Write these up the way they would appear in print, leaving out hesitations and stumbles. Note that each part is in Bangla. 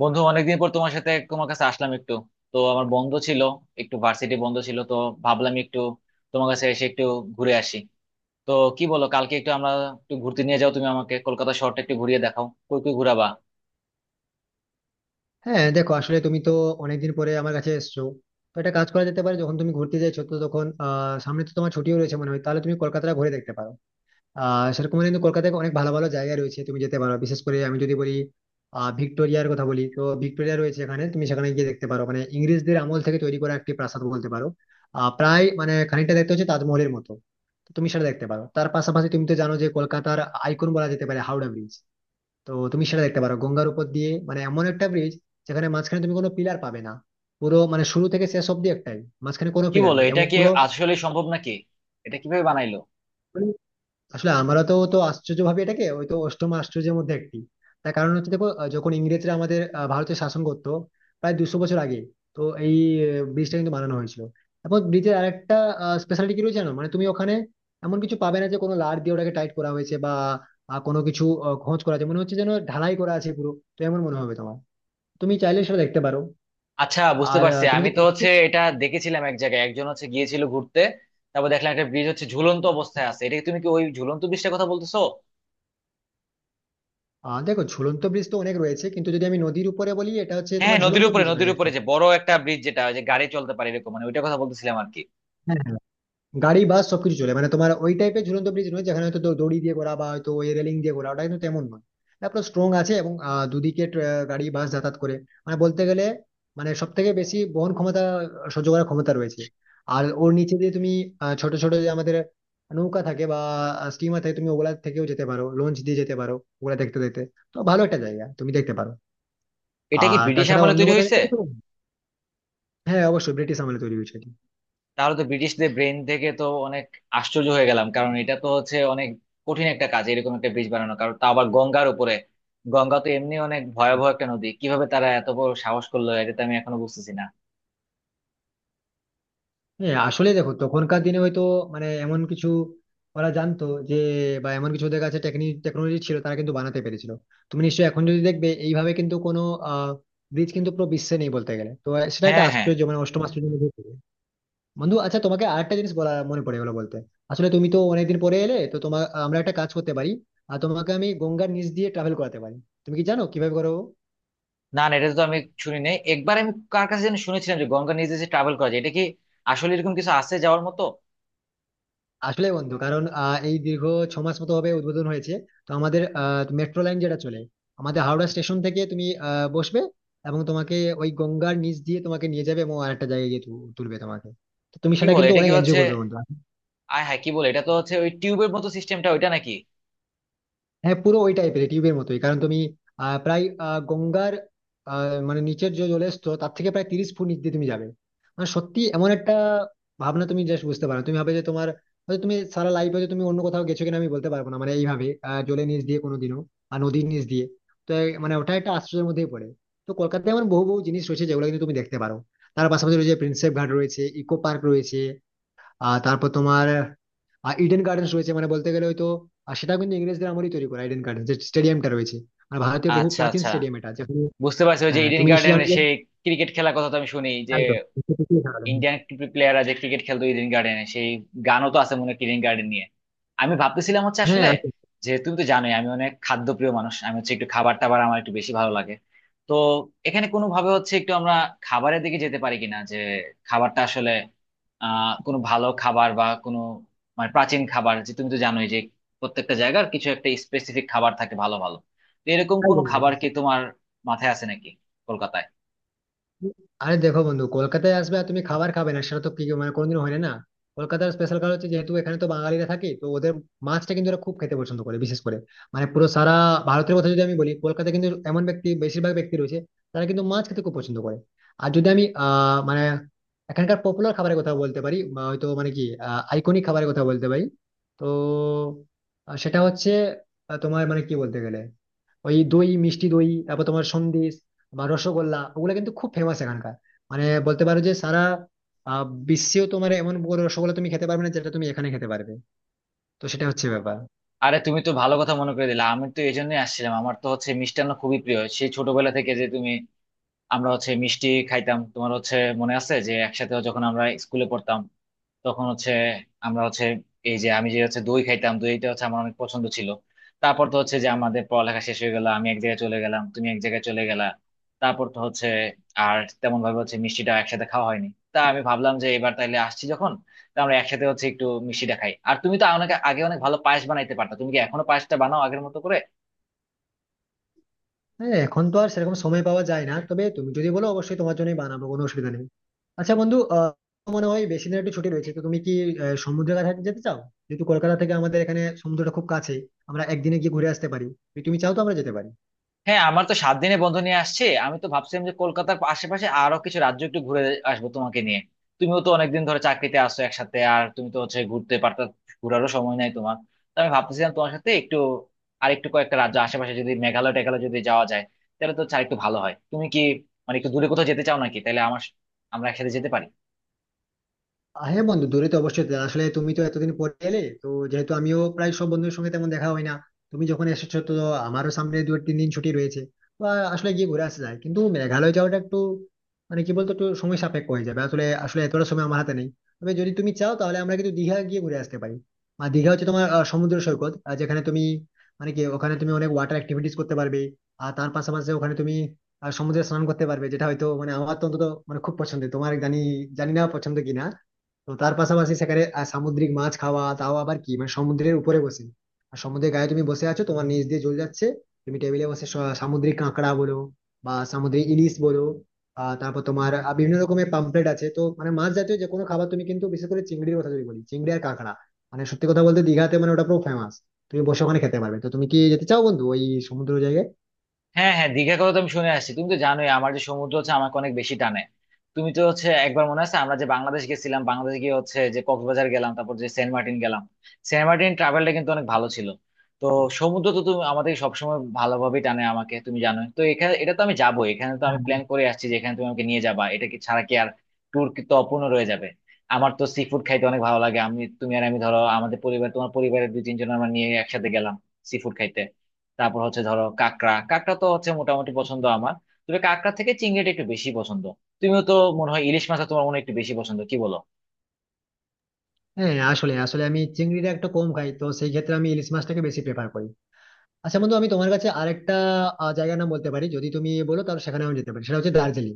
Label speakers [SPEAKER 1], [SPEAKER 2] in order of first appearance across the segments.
[SPEAKER 1] বন্ধু, অনেকদিন পর তোমার সাথে, তোমার কাছে আসলাম একটু। তো আমার বন্ধ ছিল, একটু ভার্সিটি বন্ধ ছিল, তো ভাবলাম একটু তোমার কাছে এসে একটু ঘুরে আসি। তো কি বলো, কালকে একটু আমরা একটু ঘুরতে নিয়ে যাও তুমি আমাকে, কলকাতা শহরটা একটু ঘুরিয়ে দেখাও। কই কই ঘুরাবা?
[SPEAKER 2] হ্যাঁ, দেখো, আসলে তুমি তো অনেকদিন পরে আমার কাছে এসছো। তো একটা কাজ করা যেতে পারে, যখন তুমি ঘুরতে যাচ্ছো, তো তখন সামনে তো তোমার ছুটিও রয়েছে মনে হয়, তাহলে তুমি কলকাতাটা ঘুরে দেখতে পারো। সেরকম হলে কিন্তু কলকাতায় অনেক ভালো ভালো জায়গা রয়েছে, তুমি যেতে পারো। বিশেষ করে আমি যদি বলি, ভিক্টোরিয়ার কথা বলি, তো ভিক্টোরিয়া রয়েছে এখানে, তুমি সেখানে গিয়ে দেখতে পারো। মানে ইংরেজদের আমল থেকে তৈরি করা একটি প্রাসাদ বলতে পারো। প্রায় মানে খানিকটা দেখতে হচ্ছে তাজমহলের মতো। তো তুমি সেটা দেখতে পারো। তার পাশাপাশি তুমি তো জানো যে কলকাতার আইকন বলা যেতে পারে হাওড়া ব্রিজ। তো তুমি সেটা দেখতে পারো। গঙ্গার উপর দিয়ে মানে এমন একটা ব্রিজ যেখানে মাঝখানে তুমি কোনো পিলার পাবে না। পুরো মানে শুরু থেকে শেষ অব্দি একটাই, মাঝখানে কোনো
[SPEAKER 1] কি
[SPEAKER 2] পিলার
[SPEAKER 1] বলো,
[SPEAKER 2] নেই,
[SPEAKER 1] এটা
[SPEAKER 2] এবং
[SPEAKER 1] কি
[SPEAKER 2] পুরো
[SPEAKER 1] আসলে সম্ভব নাকি? এটা কিভাবে বানাইলো?
[SPEAKER 2] মানে আসলে আমরা তো তো আশ্চর্য ভাবে এটাকে ওই তো অষ্টম আশ্চর্যের মধ্যে একটি। তার কারণ হচ্ছে, দেখো, যখন ইংরেজরা আমাদের ভারতে শাসন করতো প্রায় 200 বছর আগে, তো এই ব্রিজটা কিন্তু বানানো হয়েছিল। এবং ব্রিজের আরেকটা স্পেশালিটি কি রয়েছে জানো, মানে তুমি ওখানে এমন কিছু পাবে না যে কোনো লার দিয়ে ওটাকে টাইট করা হয়েছে বা কোনো কিছু খোঁজ করা আছে, মনে হচ্ছে যেন ঢালাই করা আছে পুরো। তো এমন মনে হবে তোমার, তুমি চাইলে সেটা দেখতে পারো।
[SPEAKER 1] আচ্ছা, বুঝতে
[SPEAKER 2] আর আহ,
[SPEAKER 1] পারছি।
[SPEAKER 2] তুমি
[SPEAKER 1] আমি
[SPEAKER 2] কি
[SPEAKER 1] তো হচ্ছে এটা দেখেছিলাম এক জায়গায়, একজন হচ্ছে গিয়েছিল ঘুরতে, তারপর দেখলাম একটা ব্রিজ হচ্ছে ঝুলন্ত অবস্থায় আছে। এটা কি, তুমি কি ওই ঝুলন্ত ব্রিজটার কথা বলতেছো?
[SPEAKER 2] দেখো, ঝুলন্ত ব্রিজ তো অনেক রয়েছে, কিন্তু যদি আমি নদীর উপরে বলি, এটা হচ্ছে
[SPEAKER 1] হ্যাঁ,
[SPEAKER 2] তোমার ঝুলন্ত
[SPEAKER 1] নদীর উপরে,
[SPEAKER 2] ব্রিজ নয়
[SPEAKER 1] নদীর উপরে
[SPEAKER 2] অ্যাকচুয়ালি।
[SPEAKER 1] যে বড় একটা ব্রিজ যেটা ওই যে গাড়ি চলতে পারে এরকম, মানে ওইটার কথা বলতেছিলাম আর কি।
[SPEAKER 2] হ্যাঁ, গাড়ি বাস সবকিছু চলে, মানে তোমার ওই টাইপের ঝুলন্ত ব্রিজ নয় যেখানে হয়তো দড়ি দিয়ে করা বা হয়তো ওই রেলিং দিয়ে করা, ওটা কিন্তু তেমন নয়। তারপর স্ট্রং আছে এবং দুদিকে গাড়ি বাস যাতায়াত করে। মানে বলতে গেলে মানে সব থেকে বেশি বহন ক্ষমতা, সহ্য করার ক্ষমতা রয়েছে। আর ওর নিচে দিয়ে তুমি ছোট ছোট যে আমাদের নৌকা থাকে বা স্টিমার থাকে, তুমি ওগুলা থেকেও যেতে পারো, লঞ্চ দিয়ে যেতে পারো, ওগুলা দেখতে দেখতে। তো ভালো একটা জায়গা, তুমি দেখতে পারো।
[SPEAKER 1] এটা কি
[SPEAKER 2] আর
[SPEAKER 1] ব্রিটিশ
[SPEAKER 2] তাছাড়া
[SPEAKER 1] আমলে
[SPEAKER 2] অন্য
[SPEAKER 1] তৈরি
[SPEAKER 2] কোথাও
[SPEAKER 1] হয়েছে?
[SPEAKER 2] যেতে পারো? হ্যাঁ, অবশ্যই ব্রিটিশ আমলে তৈরি হয়েছে এটি।
[SPEAKER 1] তাহলে তো ব্রিটিশদের ব্রেন থেকে তো অনেক আশ্চর্য হয়ে গেলাম, কারণ এটা তো হচ্ছে অনেক কঠিন একটা কাজ, এরকম একটা ব্রিজ বানানো, কারণ তা আবার গঙ্গার উপরে। গঙ্গা তো এমনি অনেক ভয়াবহ একটা নদী, কিভাবে তারা এত বড় সাহস করলো, এটা তো আমি এখনো বুঝতেছি না।
[SPEAKER 2] হ্যাঁ আসলে দেখো, তখনকার দিনে হয়তো মানে এমন কিছু ওরা জানতো যে, বা এমন কিছু ওদের কাছে টেকনিক টেকনোলজি ছিল, তারা কিন্তু বানাতে পেরেছিল। তুমি নিশ্চয়ই এখন যদি দেখবে, এইভাবে কিন্তু কোনো আহ ব্রিজ কিন্তু পুরো বিশ্বে নেই বলতে গেলে। তো সেটা একটা
[SPEAKER 1] হ্যাঁ, হ্যাঁ।
[SPEAKER 2] আশ্চর্য, মানে অষ্টম আশ্চর্যের মধ্যে পড়ে। বন্ধু, আচ্ছা, তোমাকে আরেকটা জিনিস বলা মনে পড়ে গেলো বলতে। আসলে তুমি তো অনেকদিন পরে এলে, তো তোমার আমরা একটা কাজ করতে পারি, আর তোমাকে আমি গঙ্গার নিচ দিয়ে ট্রাভেল করাতে পারি। তুমি কি জানো কিভাবে করো?
[SPEAKER 1] না, না, এটা তো আমি শুনি নাই। একবার আমি কার কাছে যেন শুনেছিলাম যে গঙ্গা নিজে যে ট্রাভেল করা যায়, এটা কি আসলে এরকম কিছু আছে যাওয়ার মতো?
[SPEAKER 2] আসলে বন্ধু, কারণ এই দীর্ঘ 6 মাস মতো হবে উদ্বোধন হয়েছে, তো আমাদের মেট্রো লাইন যেটা চলে আমাদের হাওড়া স্টেশন থেকে, তুমি বসবে, এবং তোমাকে ওই গঙ্গার নিচ দিয়ে তোমাকে নিয়ে যাবে এবং আরেকটা জায়গায় গিয়ে তুলবে তোমাকে। তো তুমি
[SPEAKER 1] কি
[SPEAKER 2] সেটা
[SPEAKER 1] বলে
[SPEAKER 2] কিন্তু
[SPEAKER 1] এটা কি
[SPEAKER 2] অনেক
[SPEAKER 1] হচ্ছে?
[SPEAKER 2] এনজয় করবে বন্ধু।
[SPEAKER 1] আয় হ্যাঁ, কি বলে, এটা তো হচ্ছে ওই টিউবের মতো সিস্টেমটা, ওইটা নাকি?
[SPEAKER 2] হ্যাঁ, পুরো ওই টাইপের টিউবের মতোই, কারণ তুমি প্রায় আহ, মানে নিচের যে জলের স্তর, তার থেকে প্রায় 30 ফুট নিচ দিয়ে তুমি যাবে। মানে সত্যি এমন একটা ভাবনা তুমি জাস্ট বুঝতে পারো না। তুমি ভাবে যে তোমার হয়তো তুমি সারা লাইফ, হয়তো তুমি অন্য কোথাও গেছো কিনা আমি বলতে পারবো না, মানে এইভাবে জলের নিচ দিয়ে কোনোদিনও, আর নদীর নিচ দিয়ে। তো মানে ওটা একটা আশ্চর্যের মধ্যেই পড়ে। তো কলকাতায় এমন বহু বহু জিনিস রয়েছে যেগুলো কিন্তু তুমি দেখতে পারো। তার পাশাপাশি রয়েছে প্রিন্সেপ ঘাট, রয়েছে ইকো পার্ক, রয়েছে তারপর তোমার আর ইডেন গার্ডেন্স রয়েছে। মানে বলতে গেলে হয়তো, আর সেটা কিন্তু ইংরেজদের আমলই তৈরি করা, ইডেন গার্ডেন্স যে স্টেডিয়ামটা রয়েছে, আর ভারতের বহু
[SPEAKER 1] আচ্ছা,
[SPEAKER 2] প্রাচীন
[SPEAKER 1] আচ্ছা,
[SPEAKER 2] স্টেডিয়াম এটা, যেখানে
[SPEAKER 1] বুঝতে পারছি। ওই যে ইডেন
[SPEAKER 2] তুমি নিশ্চয়ই জানো
[SPEAKER 1] গার্ডেনের
[SPEAKER 2] যে-
[SPEAKER 1] সেই ক্রিকেট খেলার কথা তো আমি শুনি, যে
[SPEAKER 2] একদম।
[SPEAKER 1] ইন্ডিয়ান প্লেয়াররা যে ক্রিকেট খেলতো ইডেন গার্ডেনে, সেই গানও তো আছে মনে হয় ইডেন গার্ডেন নিয়ে। আমি ভাবতেছিলাম হচ্ছে
[SPEAKER 2] হ্যাঁ,
[SPEAKER 1] আসলে,
[SPEAKER 2] আছে।
[SPEAKER 1] যে তুমি তো জানোই আমি অনেক খাদ্যপ্রিয় মানুষ। আমি হচ্ছে একটু খাবার টাবার আমার একটু বেশি ভালো লাগে। তো এখানে কোনো ভাবে হচ্ছে একটু আমরা খাবারের দিকে যেতে পারি কিনা, যে খাবারটা আসলে, কোনো ভালো খাবার বা কোনো, মানে প্রাচীন খাবার, যে তুমি তো জানোই যে প্রত্যেকটা জায়গার কিছু একটা স্পেসিফিক খাবার থাকে ভালো ভালো। তো এরকম কোনো
[SPEAKER 2] একদম, একদম।
[SPEAKER 1] খাবার কি তোমার মাথায় আছে নাকি কলকাতায়?
[SPEAKER 2] আরে দেখো বন্ধু, কলকাতায় আসবে আর তুমি খাবার খাবে না, সেটা তো কি মানে কোনোদিন হয় না। কলকাতার স্পেশাল কারণ হচ্ছে, যেহেতু এখানে তো বাঙালিরা থাকে, তো ওদের মাছটা কিন্তু ওরা খুব খেতে পছন্দ করে। বিশেষ করে মানে পুরো সারা ভারতের কথা যদি আমি বলি, কলকাতায় কিন্তু এমন ব্যক্তি, বেশিরভাগ ব্যক্তি রয়েছে, তারা কিন্তু মাছ খেতে খুব পছন্দ করে। আর যদি আমি মানে এখানকার পপুলার খাবারের কথা বলতে পারি, বা হয়তো মানে কি আইকনিক খাবারের কথা বলতে পারি, তো সেটা হচ্ছে তোমার মানে কি বলতে গেলে, ওই দই, মিষ্টি দই, তারপর তোমার সন্দেশ বা রসগোল্লা, ওগুলো কিন্তু খুব ফেমাস এখানকার। মানে বলতে পারো যে সারা বিশ্বেও তোমার এমন বড় রসগোল্লা তুমি খেতে পারবে না যেটা তুমি এখানে খেতে পারবে। তো সেটা হচ্ছে ব্যাপার।
[SPEAKER 1] আরে, তুমি তো ভালো কথা মনে করে দিলে। আমি তো এই জন্যই আসছিলাম, আমার তো হচ্ছে মিষ্টান্ন খুবই প্রিয় সেই ছোটবেলা থেকে। যে তুমি, আমরা হচ্ছে মিষ্টি খাইতাম, তোমার হচ্ছে মনে আছে যে একসাথে যখন আমরা স্কুলে পড়তাম, তখন হচ্ছে আমরা হচ্ছে, এই যে আমি যে হচ্ছে দই খাইতাম, দইটা হচ্ছে আমার অনেক পছন্দ ছিল। তারপর তো হচ্ছে যে আমাদের পড়ালেখা শেষ হয়ে গেল, আমি এক জায়গায় চলে গেলাম, তুমি এক জায়গায় চলে গেলা। তারপর তো হচ্ছে আর তেমন ভাবে হচ্ছে মিষ্টিটা একসাথে খাওয়া হয়নি। তা আমি ভাবলাম যে এবার তাইলে আসছি যখন, তা আমরা একসাথে হচ্ছে একটু মিষ্টিটা খাই। আর তুমি তো অনেক আগে অনেক ভালো পায়েস বানাইতে পারতা, তুমি কি এখনো পায়েসটা বানাও আগের মতো করে?
[SPEAKER 2] হ্যাঁ, এখন তো আর সেরকম সময় পাওয়া যায় না, তবে তুমি যদি বলো, অবশ্যই তোমার জন্যই বানাবো, কোনো অসুবিধা নেই। আচ্ছা বন্ধু, মনে হয় বেশি দিন একটু ছুটি রয়েছে, তো তুমি কি সমুদ্রের কাছে যেতে চাও? যেহেতু কলকাতা থেকে আমাদের এখানে সমুদ্রটা খুব কাছে, আমরা একদিনে গিয়ে ঘুরে আসতে পারি। যদি তুমি চাও তো আমরা যেতে পারি।
[SPEAKER 1] হ্যাঁ, আমার তো 7 দিনে বন্ধ নিয়ে আসছে। আমি তো ভাবছিলাম যে কলকাতার আশেপাশে আরো কিছু রাজ্য একটু ঘুরে আসবো তোমাকে নিয়ে। তুমিও তো অনেকদিন ধরে চাকরিতে আসো একসাথে, আর তুমি তো হচ্ছে ঘুরতে পারতা, ঘোরারও সময় নাই তোমার। তো আমি ভাবতেছিলাম তোমার সাথে একটু আর একটু কয়েকটা রাজ্য আশেপাশে, যদি মেঘালয় টেঘালয় যদি যাওয়া যায়, তাহলে তো আর একটু ভালো হয়। তুমি কি মানে একটু দূরে কোথাও যেতে চাও নাকি? তাহলে আমার, আমরা একসাথে যেতে পারি।
[SPEAKER 2] হ্যাঁ বন্ধু, দূরে তো অবশ্যই পেলাম। আসলে তুমি তো এতদিন পরে এলে, তো যেহেতু আমিও প্রায় সব বন্ধুদের সঙ্গে তেমন দেখা হয় না, তুমি যখন এসেছো, তো আমারও সামনে 2-3 দিন ছুটি রয়েছে। তো আসলে গিয়ে ঘুরে আসা যায়, কিন্তু মেঘালয় যাওয়াটা একটু মানে কি বলতো একটু সময় সাপেক্ষ হয়ে যাবে, আসলে আসলে এতটা সময় আমার হাতে নেই। তবে যদি তুমি চাও, তাহলে আমরা কিন্তু দীঘা গিয়ে ঘুরে আসতে পারি। আর দীঘা হচ্ছে তোমার সমুদ্র সৈকত, যেখানে তুমি মানে কি ওখানে তুমি অনেক ওয়াটার অ্যাক্টিভিটিস করতে পারবে। আর তার পাশাপাশি ওখানে তুমি সমুদ্রে স্নান করতে পারবে, যেটা হয়তো মানে আমার তো অন্তত মানে খুব পছন্দের। তোমার জানি, জানি না পছন্দ কিনা। তো তার পাশাপাশি সেখানে সামুদ্রিক মাছ খাওয়া, তাও আবার কি মানে সমুদ্রের উপরে বসে, আর সমুদ্রের গায়ে তুমি বসে আছো, তোমার নিচ দিয়ে জল যাচ্ছে, তুমি টেবিলে বসে সামুদ্রিক কাঁকড়া বলো বা সামুদ্রিক ইলিশ বলো, তারপর তোমার বিভিন্ন রকমের পাম্পলেট আছে, তো মানে মাছ জাতীয় যে কোনো খাবার তুমি কিন্তু, বিশেষ করে চিংড়ির কথা যদি বলি, চিংড়ি আর কাঁকড়া মানে সত্যি কথা বলতে দীঘাতে মানে ওটা পুরো ফেমাস। তুমি বসে ওখানে খেতে পারবে। তো তুমি কি যেতে চাও বন্ধু ওই সমুদ্র জায়গায়?
[SPEAKER 1] হ্যাঁ, হ্যাঁ, দীঘার কথা তো আমি শুনে আসছি। তুমি তো জানোই আমার, যে সমুদ্র হচ্ছে আমাকে অনেক বেশি টানে। তুমি তো হচ্ছে একবার মনে আছে, আমরা যে বাংলাদেশ গেছিলাম, বাংলাদেশ গিয়ে হচ্ছে যে কক্সবাজার গেলাম, তারপর যে সেন্ট মার্টিন গেলাম। সেন্ট মার্টিন ট্রাভেলটা কিন্তু অনেক ভালো ছিল। তো সমুদ্র তো তুমি আমাদের সবসময় ভালোভাবেই টানে আমাকে, তুমি জানোই তো। এখানে এটা তো আমি যাবো, এখানে তো আমি
[SPEAKER 2] হ্যাঁ
[SPEAKER 1] প্ল্যান করে আসছি যে এখানে তুমি আমাকে নিয়ে যাবা। এটা কি ছাড়া কি আর ট্যুর কি তো অপূর্ণ রয়ে যাবে। আমার তো সি ফুড খাইতে অনেক ভালো লাগে। আমি, তুমি আর আমি, ধরো আমাদের পরিবার, তোমার পরিবারের দুই তিনজন আমরা নিয়ে একসাথে গেলাম সি ফুড খাইতে। তারপর হচ্ছে ধরো কাঁকড়া, কাঁকড়া তো হচ্ছে মোটামুটি পছন্দ আমার, তবে কাঁকড়া থেকে চিংড়িটা একটু বেশি পছন্দ। তুমিও তো মনে হয় ইলিশ মাছটা তোমার মনে হয় একটু বেশি পছন্দ, কি বলো?
[SPEAKER 2] হ্যাঁ, আসলে আসলে আমি চিংড়িটা একটু কম খাই, তো সেই ক্ষেত্রে আমি ইলিশ মাছটাকে বেশি প্রেফার করি। আচ্ছা বন্ধু, আমি তোমার কাছে আরেকটা জায়গার নাম বলতে পারি, যদি তুমি বলো তাহলে সেখানে আমি যেতে পারি। সেটা হচ্ছে দার্জিলিং।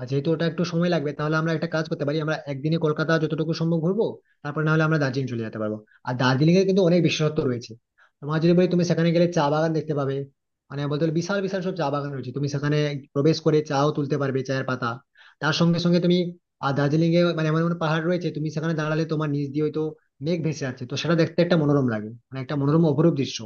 [SPEAKER 2] আর যেহেতু ওটা একটু সময় লাগবে, তাহলে আমরা একটা কাজ করতে পারি, আমরা একদিনে কলকাতা যতটুকু সম্ভব ঘুরবো, তারপর না হলে আমরা দার্জিলিং চলে যেতে পারবো। আর দার্জিলিং এর কিন্তু অনেক বিশেষত্ব রয়েছে। তোমার যদি বলি, তুমি সেখানে গেলে চা বাগান দেখতে পাবে। মানে বলতে গেলে বিশাল বিশাল সব চা বাগান রয়েছে, তুমি সেখানে প্রবেশ করে চাও তুলতে পারবে চায়ের পাতা। তার সঙ্গে সঙ্গে তুমি আর দার্জিলিং এ মানে এমন এমন পাহাড় রয়েছে, তুমি সেখানে দাঁড়ালে তোমার নিচ দিয়ে হয়তো মেঘ ভেসে যাচ্ছে। তো সেটা দেখতে একটা মনোরম লাগে, মানে একটা মনোরম অপরূপ দৃশ্য।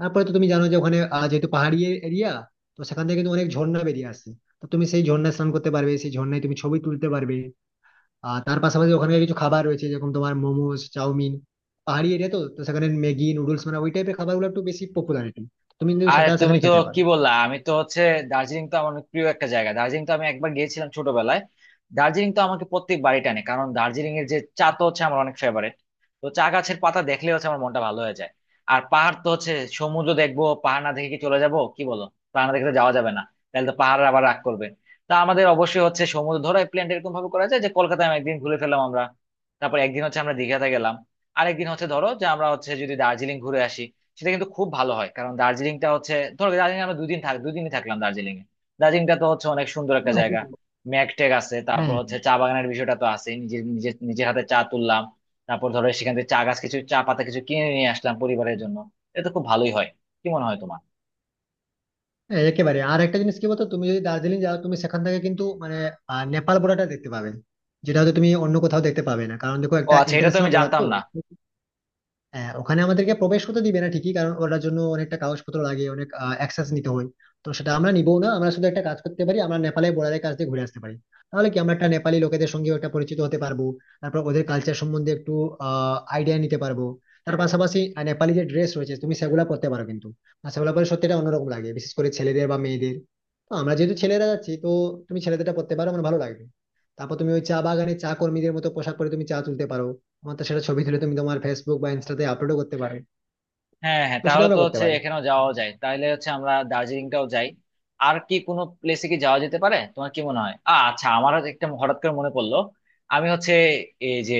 [SPEAKER 2] তারপরে তো তুমি জানো যে ওখানে যেহেতু পাহাড়ি এরিয়া, তো সেখান থেকে কিন্তু অনেক ঝর্ণা বেরিয়ে আসছে। তো তুমি সেই ঝর্ণায় স্নান করতে পারবে, সেই ঝর্ণায় তুমি ছবি তুলতে পারবে। আর তার পাশাপাশি ওখানে কিছু খাবার রয়েছে, যেরকম তোমার মোমোস, চাউমিন, পাহাড়ি এরিয়া, তো তো সেখানে ম্যাগি নুডলস, মানে ওই টাইপের খাবারগুলো একটু বেশি পপুলারিটি, তুমি কিন্তু
[SPEAKER 1] আর
[SPEAKER 2] সেটা
[SPEAKER 1] তুমি
[SPEAKER 2] সেখানে
[SPEAKER 1] তো
[SPEAKER 2] খেতে পারো।
[SPEAKER 1] কি বললা। আমি তো হচ্ছে, দার্জিলিং তো আমার অনেক প্রিয় একটা জায়গা। দার্জিলিং তো আমি একবার গিয়েছিলাম ছোটবেলায়। দার্জিলিং তো আমাকে প্রত্যেক বাড়ি টানে, কারণ দার্জিলিং এর যে চা তো হচ্ছে আমার অনেক ফেভারিট। তো চা গাছের পাতা দেখলে হচ্ছে আমার মনটা ভালো হয়ে যায়। আর পাহাড় তো হচ্ছে, সমুদ্র দেখবো পাহাড় না দেখে কি চলে যাব, কি বলো? পাহাড় না দেখে তো যাওয়া যাবে না, তাহলে তো পাহাড় আবার রাগ করবে। তা আমাদের অবশ্যই হচ্ছে সমুদ্র, ধরো এই প্ল্যানটা এরকম ভাবে করা যায় যে কলকাতায় আমি একদিন ঘুরে ফেললাম আমরা, তারপর একদিন হচ্ছে আমরা দীঘাতে গেলাম, আরেকদিন হচ্ছে ধরো যে আমরা হচ্ছে যদি দার্জিলিং ঘুরে আসি। সেটা কিন্তু খুব ভালো হয়, কারণ দার্জিলিংটা হচ্ছে, ধরো দার্জিলিং আমরা দুদিন থাক, দুদিনই থাকলাম দার্জিলিং এ। দার্জিলিংটা তো হচ্ছে অনেক সুন্দর একটা
[SPEAKER 2] হ্যাঁ,
[SPEAKER 1] জায়গা। ম্যাক টেক আছে, তারপর
[SPEAKER 2] হ্যাঁ।
[SPEAKER 1] হচ্ছে চা বাগানের বিষয়টা তো আছে, নিজের নিজের নিজের হাতে চা তুললাম। তারপর ধরো সেখান থেকে চা গাছ কিছু, চা পাতা কিছু কিনে নিয়ে আসলাম পরিবারের জন্য। এটা তো খুব ভালোই হয়, কি মনে হয় তোমার?
[SPEAKER 2] হ্যাঁ, একেবারে। আর একটা জিনিস কি বলতো, তুমি যদি দার্জিলিং যাও, তুমি সেখান থেকে কিন্তু মানে নেপাল বর্ডারটা দেখতে পাবে, যেটা হয়তো তুমি অন্য কোথাও দেখতে পাবে না, কারণ দেখো,
[SPEAKER 1] ও
[SPEAKER 2] একটা
[SPEAKER 1] আচ্ছা, এটা তো আমি
[SPEAKER 2] ইন্টারন্যাশনাল বর্ডার
[SPEAKER 1] জানতাম
[SPEAKER 2] তো।
[SPEAKER 1] না।
[SPEAKER 2] হ্যাঁ, ওখানে আমাদেরকে প্রবেশ করতে দিবে না ঠিকই, কারণ ওটার জন্য অনেকটা কাগজপত্র লাগে, অনেক অ্যাক্সেস নিতে হয়। তো সেটা আমরা নিবো না, আমরা শুধু একটা কাজ করতে পারি, আমরা নেপালের বর্ডারের কাছ দিয়ে ঘুরে আসতে পারি। তাহলে কি আমরা একটা নেপালি লোকেদের সঙ্গে একটা পরিচিত হতে পারবো, তারপর ওদের কালচার সম্বন্ধে একটু আইডিয়া নিতে পারবো। তার পাশাপাশি নেপালি যে ড্রেস রয়েছে, তুমি সেগুলো পরতে পারো কিন্তু। আর সেগুলো পরে সত্যি এটা অন্যরকম লাগে, বিশেষ করে ছেলেদের বা মেয়েদের। তো আমরা যেহেতু ছেলেরা যাচ্ছি, তো তুমি ছেলেদেরটা পরতে পারো, আমার ভালো লাগবে। তারপর তুমি ওই চা বাগানে চা কর্মীদের মতো পোশাক পরে তুমি চা তুলতে পারো। আমার তো সেটা ছবি তুলে তুমি তোমার ফেসবুক বা ইনস্টাতে আপলোডও করতে পারো।
[SPEAKER 1] হ্যাঁ, হ্যাঁ,
[SPEAKER 2] তো সেটা
[SPEAKER 1] তাহলে তো
[SPEAKER 2] আমরা করতে
[SPEAKER 1] হচ্ছে
[SPEAKER 2] পারি।
[SPEAKER 1] এখানেও যাওয়া যায়, তাহলে হচ্ছে আমরা দার্জিলিংটাও যাই। আর কি কোনো প্লেসে কি যাওয়া যেতে পারে, তোমার কি মনে হয়? আচ্ছা, আমার হচ্ছে একটা হঠাৎ করে মনে পড়লো। আমি হচ্ছে এই যে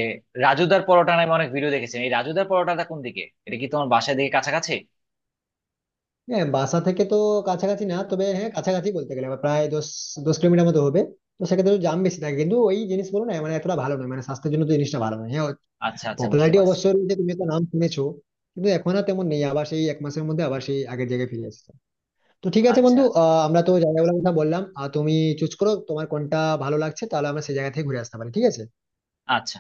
[SPEAKER 1] রাজুদার পরোটা নামে অনেক ভিডিও দেখেছি, এই রাজুদার পরোটাটা কোন দিকে? এটা কি তোমার বাসায় দিকে কাছাকাছি?
[SPEAKER 2] হ্যাঁ, বাসা থেকে তো কাছাকাছি না, তবে হ্যাঁ, কাছাকাছি বলতে গেলে আবার প্রায় দশ দশ কিলোমিটার মতো হবে। তো সেক্ষেত্রে একটু জাম বেশি থাকে, কিন্তু ওই জিনিসগুলো না মানে এতটা ভালো নয়, মানে স্বাস্থ্যের জন্য তো জিনিসটা ভালো নয়। হ্যাঁ,
[SPEAKER 1] আচ্ছা, আচ্ছা, বুঝতে
[SPEAKER 2] পপুলারিটি
[SPEAKER 1] পারছি।
[SPEAKER 2] অবশ্যই রয়েছে, তুমি তো নাম শুনেছো। কিন্তু এখন আর তেমন নেই, আবার সেই 1 মাসের মধ্যে আবার সেই আগের জায়গায় ফিরে এসেছে। তো ঠিক আছে
[SPEAKER 1] আচ্ছা,
[SPEAKER 2] বন্ধু, আমরা তো জায়গাগুলোর কথা বললাম, আর তুমি চুজ করো তোমার কোনটা ভালো লাগছে, তাহলে আমরা সেই জায়গা থেকে ঘুরে আসতে পারি, ঠিক আছে?
[SPEAKER 1] আচ্ছা।